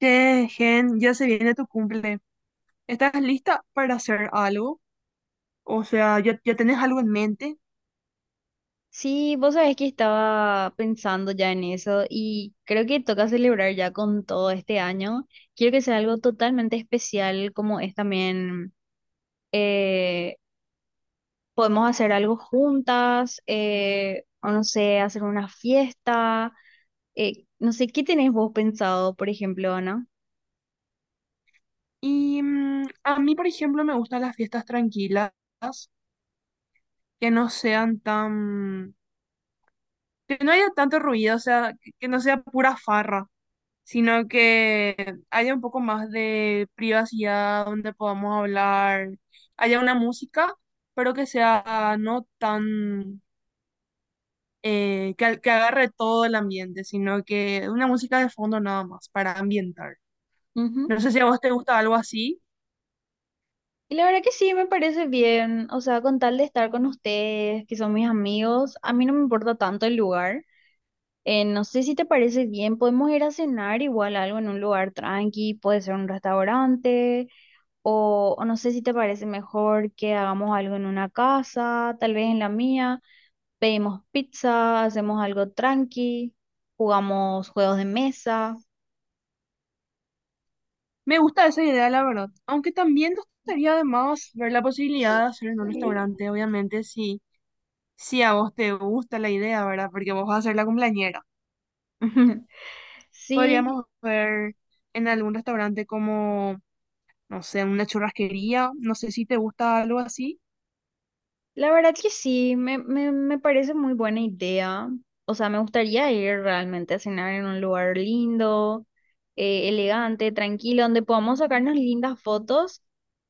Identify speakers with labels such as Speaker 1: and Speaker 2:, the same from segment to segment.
Speaker 1: Che, Gen, ya se viene tu cumple. ¿Estás lista para hacer algo? O sea, ¿ya tenés algo en mente?
Speaker 2: Sí, vos sabés que estaba pensando ya en eso y creo que toca celebrar ya con todo este año. Quiero que sea algo totalmente especial como es también, eh, podemos hacer algo juntas, o no sé, hacer una fiesta. No sé, ¿qué tenés vos pensado, por ejemplo, Ana?
Speaker 1: Y a mí, por ejemplo, me gustan las fiestas tranquilas, que no sean tan, que no haya tanto ruido, o sea, que no sea pura farra, sino que haya un poco más de privacidad, donde podamos hablar, haya una música, pero que sea no tan que agarre todo el ambiente, sino que una música de fondo nada más para ambientar.
Speaker 2: Ujú.
Speaker 1: No sé si a vos te gusta algo así.
Speaker 2: Y la verdad que sí, me parece bien. O sea, con tal de estar con ustedes, que son mis amigos, a mí no me importa tanto el lugar. No sé si te parece bien, podemos ir a cenar igual algo en un lugar tranqui, puede ser un restaurante, o no sé si te parece mejor que hagamos algo en una casa, tal vez en la mía, pedimos pizza, hacemos algo tranqui, jugamos juegos de mesa.
Speaker 1: Me gusta esa idea, la verdad. Aunque también nos gustaría además ver la posibilidad de hacer en un restaurante, obviamente, si a vos te gusta la idea, ¿verdad? Porque vos vas a ser la cumpleañera.
Speaker 2: Sí,
Speaker 1: Podríamos ver en algún restaurante como, no sé, una churrasquería. No sé si te gusta algo así.
Speaker 2: la verdad que sí, me parece muy buena idea. O sea, me gustaría ir realmente a cenar en un lugar lindo, elegante, tranquilo, donde podamos sacarnos lindas fotos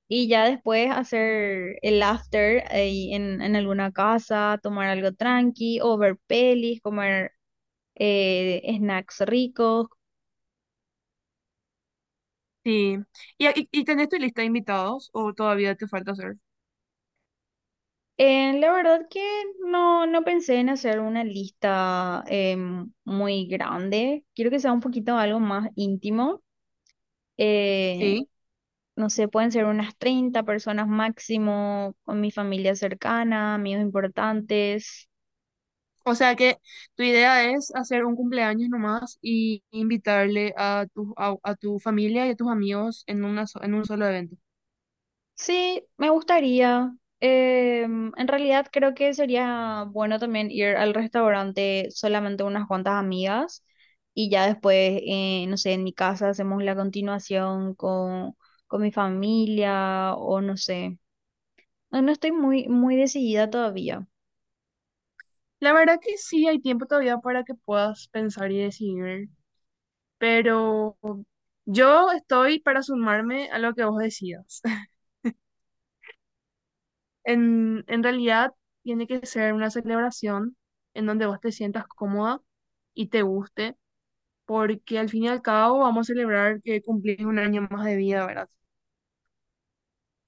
Speaker 2: y ya después hacer el after ahí en alguna casa, tomar algo tranqui o ver pelis, comer snacks ricos.
Speaker 1: Sí. ¿Y tenés tu lista de invitados o todavía te falta hacer?
Speaker 2: La verdad que no, no pensé en hacer una lista muy grande. Quiero que sea un poquito algo más íntimo. Eh,
Speaker 1: Sí.
Speaker 2: no sé, pueden ser unas 30 personas máximo, con mi familia cercana, amigos importantes.
Speaker 1: O sea que tu idea es hacer un cumpleaños nomás y invitarle a a tu familia y a tus amigos en en un solo evento.
Speaker 2: Sí, me gustaría. Em, en realidad creo que sería bueno también ir al restaurante solamente unas cuantas amigas y ya después, no sé, en mi casa hacemos la continuación con mi familia o no sé. No, estoy muy, muy decidida todavía.
Speaker 1: La verdad que sí, hay tiempo todavía para que puedas pensar y decidir, pero yo estoy para sumarme a lo que vos decidas. En realidad, tiene que ser una celebración en donde vos te sientas cómoda y te guste, porque al fin y al cabo vamos a celebrar que cumplís un año más de vida, ¿verdad?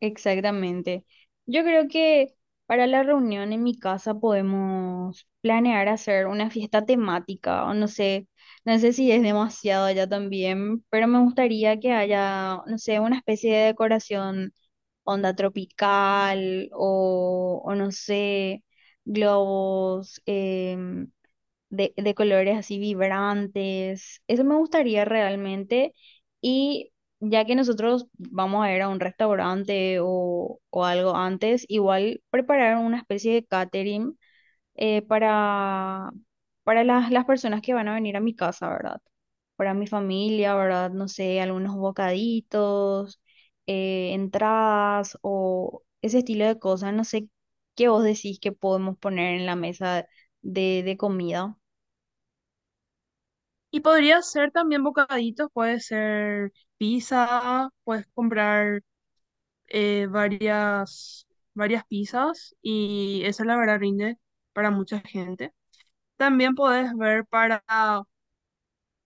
Speaker 2: Exactamente. Yo creo que para la reunión en mi casa podemos planear hacer una fiesta temática, o no sé, no sé si es demasiado allá también, pero me gustaría que haya, no sé, una especie de decoración onda tropical o no sé, globos, de colores así vibrantes. Eso me gustaría realmente. Y ya que nosotros vamos a ir a un restaurante o algo antes, igual preparar una especie de catering eh, para, para las personas que van a venir a mi casa, ¿verdad? Para mi familia, ¿verdad? No sé, algunos bocaditos, entradas o ese estilo de cosas. No sé qué vos decís que podemos poner en la mesa de comida.
Speaker 1: Y podría ser también bocaditos, puede ser pizza, puedes comprar eh, varias, varias pizzas y eso la verdad rinde para mucha gente. También podés ver para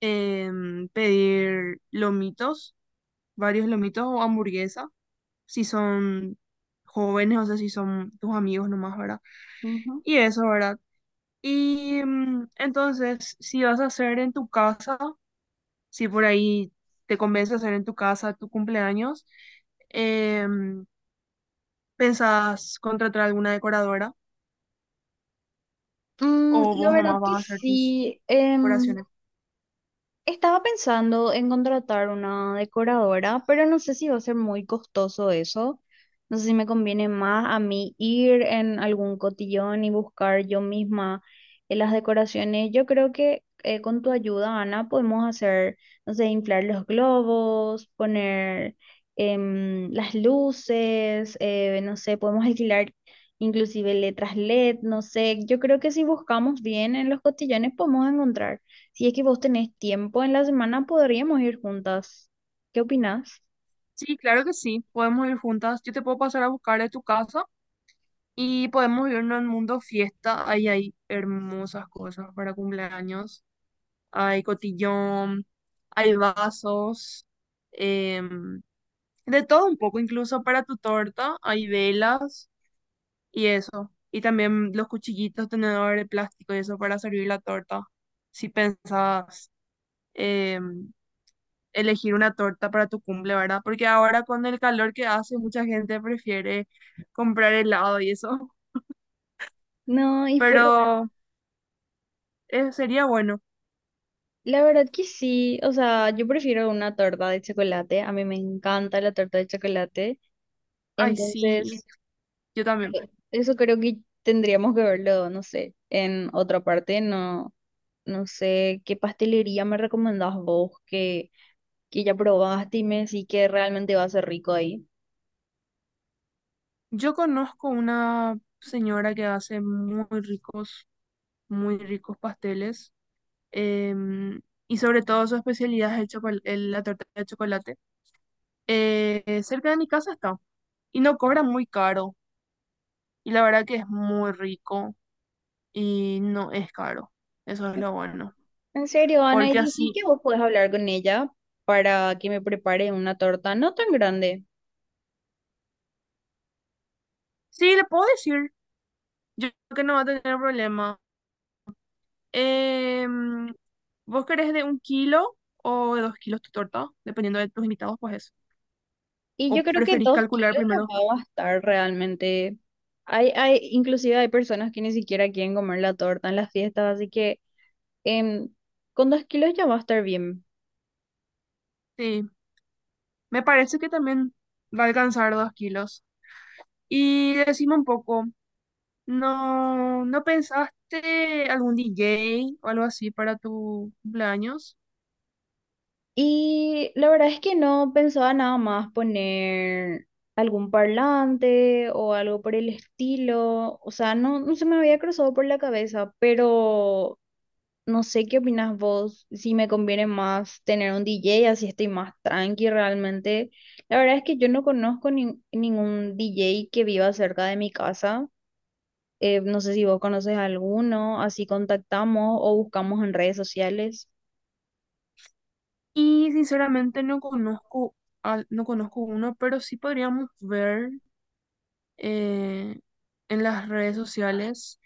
Speaker 1: pedir lomitos, varios lomitos o hamburguesa, si son jóvenes, o sea, si son tus amigos nomás, ¿verdad?
Speaker 2: Ujú.
Speaker 1: Y eso, ¿verdad? Y entonces, si vas a hacer en tu casa, si por ahí te convence hacer en tu casa tu cumpleaños, em, ¿pensás contratar alguna decoradora o
Speaker 2: La
Speaker 1: vos
Speaker 2: verdad
Speaker 1: nomás
Speaker 2: que
Speaker 1: vas a hacer tus
Speaker 2: sí.
Speaker 1: decoraciones?
Speaker 2: Estaba pensando en contratar una decoradora, pero no sé si va a ser muy costoso eso. No sé si me conviene más a mí ir en algún cotillón y buscar yo misma las decoraciones. Yo creo que con tu ayuda, Ana, podemos hacer, no sé, inflar los globos, poner las luces, no sé, podemos alquilar inclusive letras LED, no sé. Yo creo que si buscamos bien en los cotillones podemos encontrar. Si es que vos tenés tiempo en la semana, podríamos ir juntas. ¿Qué opinás?
Speaker 1: Sí, claro que sí, podemos ir juntas. Yo te puedo pasar a buscar de tu casa y podemos irnos al Mundo Fiesta. Ahí hay hermosas cosas para cumpleaños. Hay cotillón, hay vasos, em, de todo un poco, incluso para tu torta hay velas. Y eso. Y también los cuchillitos, tenedores de plástico y eso para servir la torta. Si pensabas em, elegir una torta para tu cumple, ¿verdad? Porque ahora con el calor que hace, mucha gente prefiere comprar helado y eso.
Speaker 2: No, y por-
Speaker 1: Pero sería bueno.
Speaker 2: La verdad que sí. O sea, yo prefiero una torta de chocolate. A mí me encanta la torta de chocolate.
Speaker 1: Ay, sí,
Speaker 2: Entonces,
Speaker 1: yo también.
Speaker 2: eso creo que tendríamos que verlo, no sé, en otra parte. No, no sé qué pastelería me recomendás vos que ya probaste y me decís que realmente va a ser rico ahí.
Speaker 1: Yo conozco una señora que hace muy ricos pasteles. em, y sobre todo su especialidad es el la torta de chocolate. Cerca de mi casa está. Y no cobra muy caro. Y la verdad que es muy rico y no es caro. Eso es lo bueno.
Speaker 2: En serio, Ana, y
Speaker 1: Porque
Speaker 2: decí
Speaker 1: así,
Speaker 2: que vos podés hablar con ella para que me prepare una torta no tan grande.
Speaker 1: sí, le puedo decir. Yo creo que no va a tener problema. Em, ¿vos querés de un kilo o de dos kilos tu torta? Dependiendo de tus invitados, pues es.
Speaker 2: Y
Speaker 1: ¿O
Speaker 2: yo creo que
Speaker 1: preferís
Speaker 2: dos
Speaker 1: calcular
Speaker 2: kilos te
Speaker 1: primero?
Speaker 2: va a bastar realmente. Inclusive hay personas que ni siquiera quieren comer la torta en las fiestas, así que em, con 2 kilos ya va a estar bien.
Speaker 1: Sí, me parece que también va a alcanzar dos kilos. Y decime un poco. ¿No no pensaste algún DJ o algo así para tu cumpleaños?
Speaker 2: Y la verdad es que no pensaba nada más poner algún parlante o algo por el estilo. O sea, no, no se me había cruzado por la cabeza, pero no sé qué opinas vos, si me conviene más tener un DJ, así estoy más tranqui realmente. La verdad es que yo no conozco ningún DJ que viva cerca de mi casa. No sé si vos conoces alguno, así contactamos o buscamos en redes sociales.
Speaker 1: Y sinceramente no conozco, no conozco uno, pero sí podríamos ver eh, en las redes sociales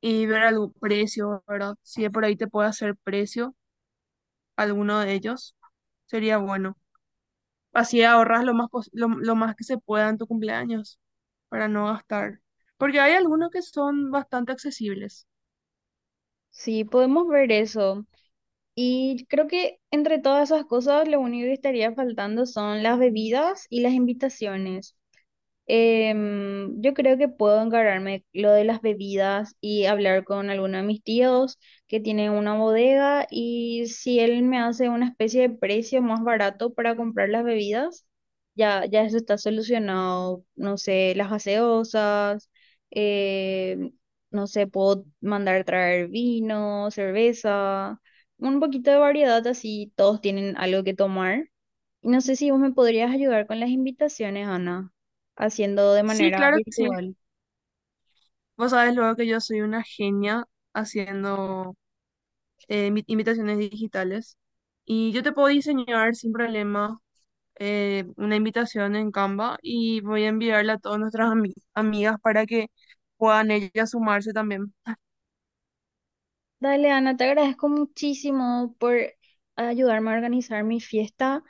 Speaker 1: y ver algún precio, ¿verdad? Si de por ahí te puede hacer precio alguno de ellos, sería bueno. Así ahorras lo más, lo más que se pueda en tu cumpleaños para no gastar. Porque hay algunos que son bastante accesibles.
Speaker 2: Sí, podemos ver eso. Y creo que entre todas esas cosas, lo único que estaría faltando son las bebidas y las invitaciones. Em, yo creo que puedo encargarme lo de las bebidas y hablar con alguno de mis tíos que tiene una bodega y si él me hace una especie de precio más barato para comprar las bebidas, ya eso está solucionado. No sé, las gaseosas, em, no sé, puedo mandar traer vino, cerveza, un poquito de variedad así todos tienen algo que tomar. Y no sé si vos me podrías ayudar con las invitaciones, Ana, haciendo de
Speaker 1: Sí,
Speaker 2: manera
Speaker 1: claro que sí.
Speaker 2: virtual.
Speaker 1: Vos sabés luego que yo soy una genia haciendo invitaciones digitales y yo te puedo diseñar sin problema una invitación en Canva y voy a enviarla a todas nuestras amigas para que puedan ellas sumarse también.
Speaker 2: Dale, Ana, te agradezco muchísimo por ayudarme a organizar mi fiesta.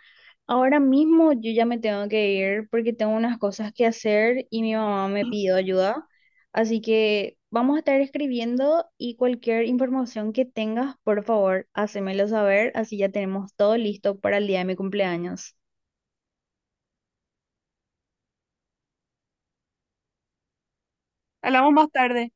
Speaker 2: Ahora mismo yo ya me tengo que ir porque tengo unas cosas que hacer y mi mamá me pidió ayuda. Así que vamos a estar escribiendo y cualquier información que tengas, por favor, hacémelo saber. Así ya tenemos todo listo para el día de mi cumpleaños.
Speaker 1: Hablamos más tarde.